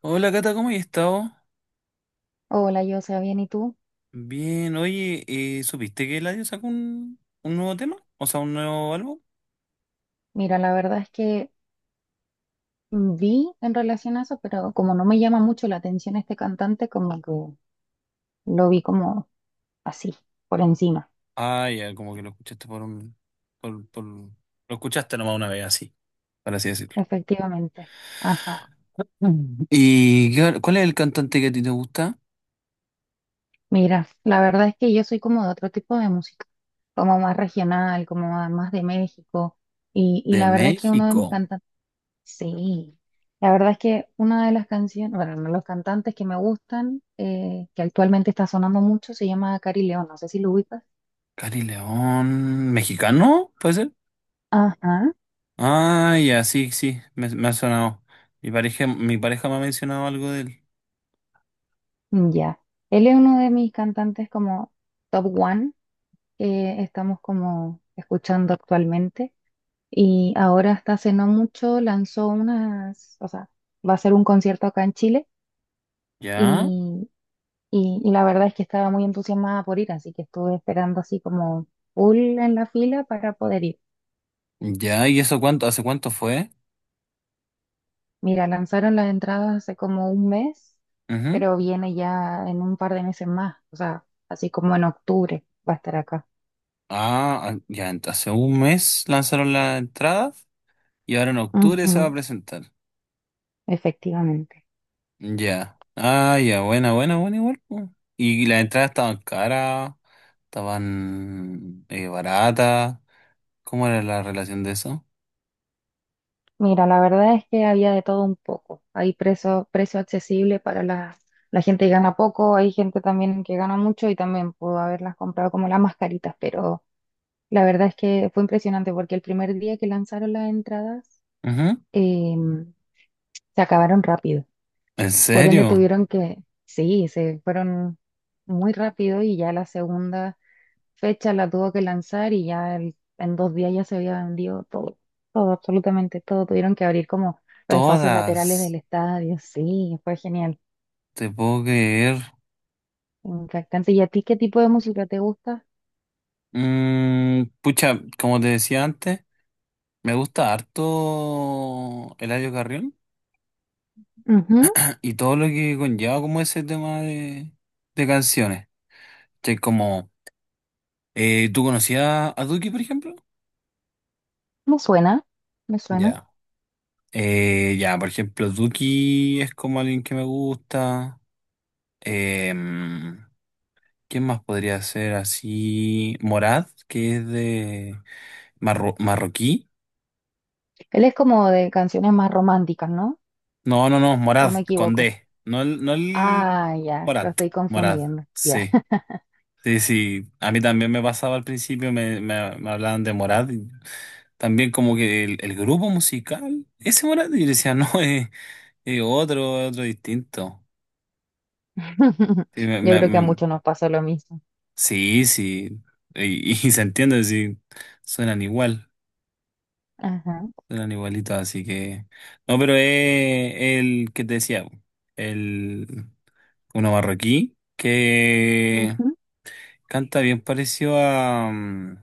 Hola Cata, ¿cómo has estado? Hola, yo sea bien, ¿y tú? Bien, oye, ¿supiste que Eladio sacó un nuevo tema? O sea, un nuevo álbum. Mira, la verdad es que vi en relación a eso, pero como no me llama mucho la atención este cantante, como que lo vi como así, por encima, Ah, ya, como que lo escuchaste por un... Lo escuchaste nomás una vez, así, por así decirlo. efectivamente. Ajá. Mm. ¿Cuál es el cantante que a ti te gusta? Mira, la verdad es que yo soy como de otro tipo de música, como más regional, como más de México, y De la verdad es que uno de mis México. cantantes, sí, la verdad es que una de las canciones, bueno, uno de los cantantes que me gustan, que actualmente está sonando mucho, se llama Cari León, no sé si lo ubicas. Cari León. ¿Mexicano? ¿Puede ser? Ajá, Ah, ya, sí, sí, me ha sonado. Mi pareja me ha mencionado algo de él. ya. Él es uno de mis cantantes como top one que estamos como escuchando actualmente. Y ahora hasta hace no mucho lanzó unas, o sea, va a hacer un concierto acá en Chile ¿Ya? y, y la verdad es que estaba muy entusiasmada por ir, así que estuve esperando así como full en la fila para poder ir. ¿Ya? ¿Y eso cuánto? ¿Hace cuánto fue? Mira, lanzaron las entradas hace como un mes, pero viene ya en un par de meses más, o sea, así como en octubre va a estar acá. Ah, ah, ya, hace un mes lanzaron la entrada y ahora en octubre se va a Ujú. presentar. Efectivamente. Ya. Ah, ya, buena, buena, buena igual, po. Y las entradas estaban caras, estaban baratas. ¿Cómo era la relación de eso? Mira, la verdad es que había de todo un poco. Hay precio accesible para la gente que gana poco, hay gente también que gana mucho y también pudo haberlas comprado como las mascaritas, pero la verdad es que fue impresionante porque el primer día que lanzaron las entradas Ujú. eh, se acabaron rápido. ¿En Por ende serio? tuvieron que, sí, se fueron muy rápido y ya la segunda fecha la tuvo que lanzar y ya en dos días ya se había vendido todo, todo, absolutamente todo. Tuvieron que abrir como los espacios laterales del Todas. estadio. Sí, fue genial, Te puedo creer. impactante. ¿Y a ti qué tipo de música te gusta? Mm, pucha, como te decía antes, me gusta harto Eladio Carrión Ujú. y todo lo que conlleva como ese tema de canciones. Sí, como, ¿tú conocías a Duki, por ejemplo? Me suena, me suena. Ya. Ya, por ejemplo, Duki es como alguien que me gusta. Em, ¿quién más podría ser así? Morad, que es de marroquí. Él es como de canciones más románticas, ¿no? No, no, no, ¿O Morad, me con equivoco? D. No el Ah, ya, lo Morad, estoy Morad, confundiendo. Ya. sí. Sí, sí, a mí también me pasaba al principio, me hablaban de Morad. Y también como que el grupo musical, ese Morad, y yo decía, no, eh, y otro, otro distinto. Sí, Yo creo que a muchos nos pasó lo mismo. sí, sí. Y se entiende, sí. Suenan igual, Ajá. suenan igualitos, así que. No, pero es el que te decía, el uno marroquí que Ujú. canta bien parecido a, mm,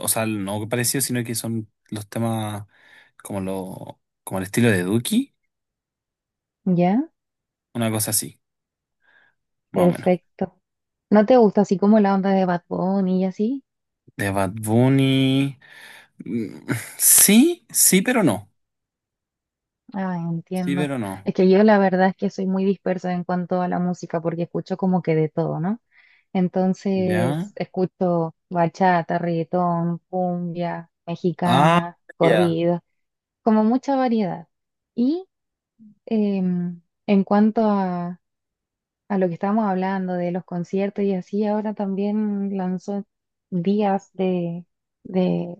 o sea, no parecido, sino que son los temas como lo, como el estilo de Duki, ¿Ya? una cosa así, más o menos. Perfecto. ¿No te gusta así como la onda de Bad Bunny y así? De Bad Bunny. Mm, sí, sí, pero no. Ah, Sí, entiendo. pero no. Es que yo la verdad es que soy muy dispersa en cuanto a la música porque escucho como que de todo, ¿no? ¿Ya? Entonces, escucho bachata, reggaetón, cumbia, Ah, mexicana, ya. corrido, como mucha variedad. Y em, en cuanto a lo que estábamos hablando de los conciertos y así, ahora también lanzó días de,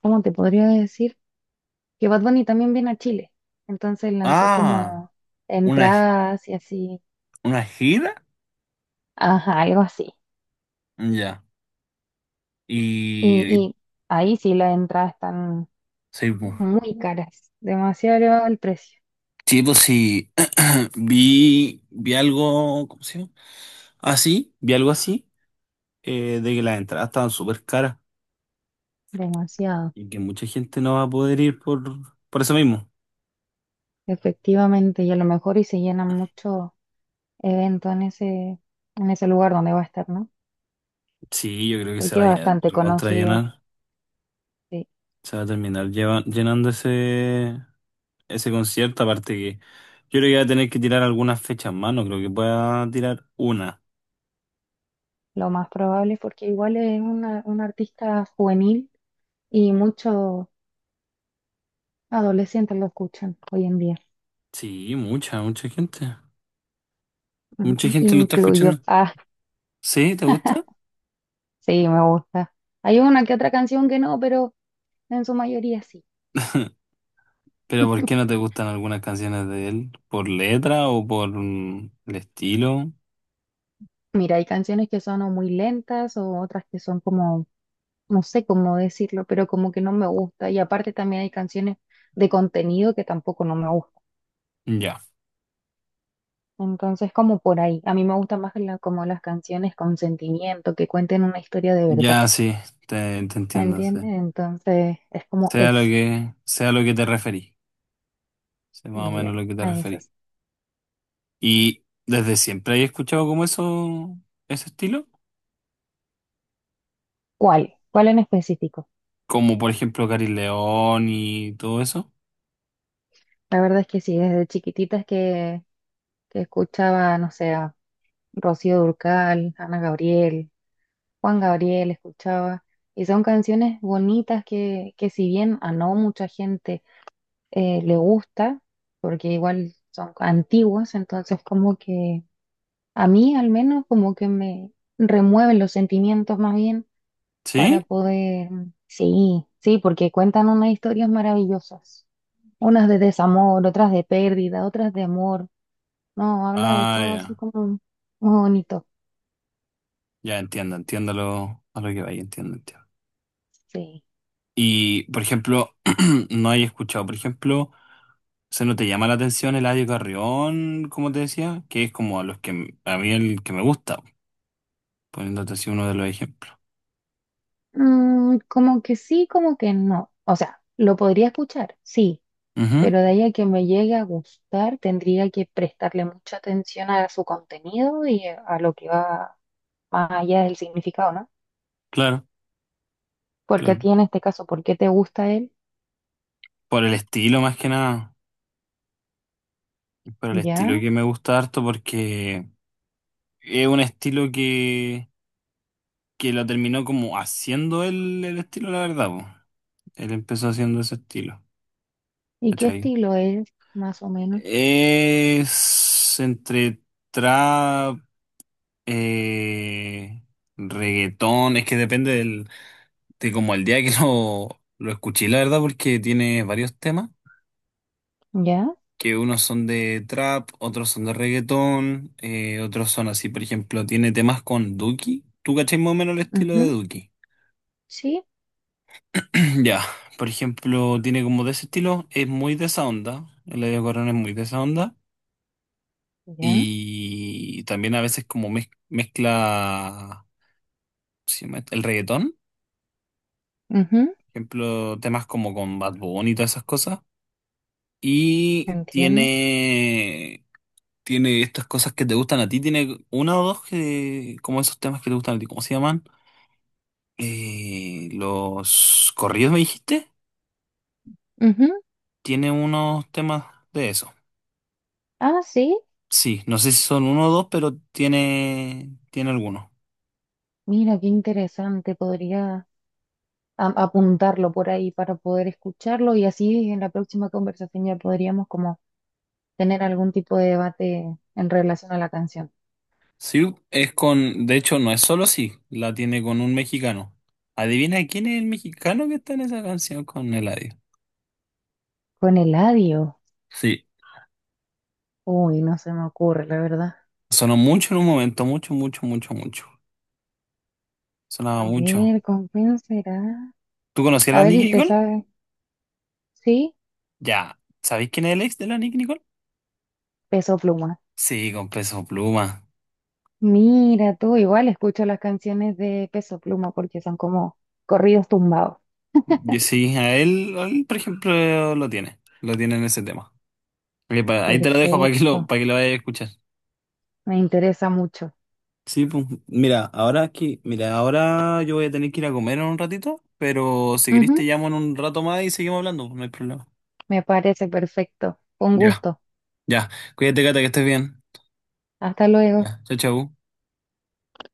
¿cómo te podría decir? Que Bad Bunny también viene a Chile. Entonces lanzó Ah, como una, entradas y así, una gira. ajá, algo así. Ya. Y, Y y- y ahí sí las entradas están sí, pues. muy caras, demasiado elevado el precio, Sí, pues sí. Vi algo, ¿cómo se llama? Así, vi algo así, de que las entradas estaban súper caras demasiado, y que mucha gente no va a poder ir por eso mismo. efectivamente. Y a lo mejor y se llenan mucho evento en ese lugar donde va a estar, ¿no? Sí, yo creo que se Porque va a es bastante recontra conocido, llenar. sí. Se va a terminar llenando ese, ese concierto, aparte que yo creo que va a tener que tirar algunas fechas más, no creo que pueda tirar una. Lo más probable es porque igual es una, un artista juvenil y muchos adolescentes lo escuchan hoy en día. Sí, mucha, mucha gente. Mucha Ujú. Y gente me lo está incluyo. escuchando. ¿Sí? ¿Te gusta? Sí, me gusta. Hay una que otra canción que no, pero en su mayoría sí. ¿Pero por qué no te gustan algunas canciones de él? ¿Por letra o por mm, el estilo? Mira, hay canciones que son o muy lentas o otras que son como, no sé cómo decirlo, pero como que no me gusta. Y aparte también hay canciones de contenido que tampoco no me gustan. Ya, Entonces, como por ahí. A mí me gustan más como las canciones con sentimiento, que cuenten una historia de verdad. ya sí, te ¿Me entiendo, sí. entiendes? Entonces, es como eso. Sea lo que te referí, sea más o menos Ya, lo que te a referí. esas. ¿Y desde siempre has escuchado como eso, ese estilo? ¿Cuál? ¿Cuál en específico? Como por ejemplo Cari León y todo eso. La verdad es que sí, desde chiquititas que escuchaba, no sé, Rocío Dúrcal, Ana Gabriel, Juan Gabriel escuchaba, y son canciones bonitas que si bien a no mucha gente le gusta, porque igual son antiguas, entonces como que a mí al menos como que me remueven los sentimientos más bien para ¿Sí? poder, sí, sí, porque cuentan unas historias maravillosas, unas de desamor, otras de pérdida, otras de amor, no, habla de Ah, todo así ya. como muy bonito, Ya entiendo, entiendo lo, a lo que vaya, entiendo, entiendo. sí. Y por ejemplo, no hay escuchado, por ejemplo, ¿se no te llama la atención Eladio Carrión, como te decía? Que es como a los que a mí el que me gusta, poniéndote así uno de los ejemplos. Mm, como que sí, como que no. O sea, lo podría escuchar, sí, Ujú, pero de ahí a que me llegue a gustar, tendría que prestarle mucha atención a su contenido y a lo que va más allá del significado, ¿no? claro, Porque a claro. ti en este caso, ¿por qué te gusta él? Por el estilo más que nada. Por el estilo ¿Ya? que me gusta harto porque es un estilo que lo terminó como haciendo el estilo, la verdad, po. Él empezó haciendo ese estilo, ¿Y qué ¿cachai? estilo es, más o menos? Es entre trap, eh, reggaetón, es que depende de como el día que lo escuché, la verdad, porque tiene varios temas, ¿Ya? que unos son de trap, otros son de reggaetón, otros son así, por ejemplo, tiene temas con Duki. ¿Tú cachai más o menos el estilo de Ujú. Duki? Sí, Ya, por ejemplo, tiene como de ese estilo, es muy de esa onda, el Eladio Corona es muy de esa onda, ya. y también a veces como mezcla ¿cómo se llama esto? El reggaetón, Ujú. por ejemplo, temas como con Bad Bunny y todas esas cosas, y Entiendo. tiene, tiene estas cosas que te gustan a ti, tiene una o dos que, como esos temas que te gustan a ti, ¿cómo se llaman? Los corridos, me dijiste, Ujú. tiene unos temas de eso. Ah, sí. Sí, no sé si son uno o dos, pero tiene, tiene alguno. Mira, qué interesante. Podría... apuntarlo por ahí para poder escucharlo y así en la próxima conversación ya podríamos como tener algún tipo de debate en relación a la canción. Sí, es con, de hecho, no es solo sí, la tiene con un mexicano. Adivina quién es el mexicano que está en esa canción con Eladio. Con el adiós. Sí, Uy, no se me ocurre, la verdad. sonó mucho en un momento, mucho, mucho, mucho, mucho. Sonaba A mucho. ver, ¿con quién será? ¿Tú conocías a A la ver, Nicki ¿y te Nicole? sabes? ¿Sí? Ya. ¿Sabéis quién es el ex de la Nicki Nicole? Peso Pluma. Sí, con Peso Pluma. Mira tú, igual escucho las canciones de Peso Pluma porque son como corridos tumbados. Yo sí, a él, por ejemplo, lo tiene. Lo tiene en ese tema. Ahí te lo dejo Perfecto, para que lo vayas a escuchar. me interesa mucho. Sí, pues, mira, ahora aquí, mira, ahora yo voy a tener que ir a comer en un ratito, pero si querés Ujú. te llamo en un rato más y seguimos hablando, pues, no hay problema. Me parece perfecto. Con Ya, gusto. ya. Cuídate, Cata, que estés bien. Hasta luego. Ya, chao, chao.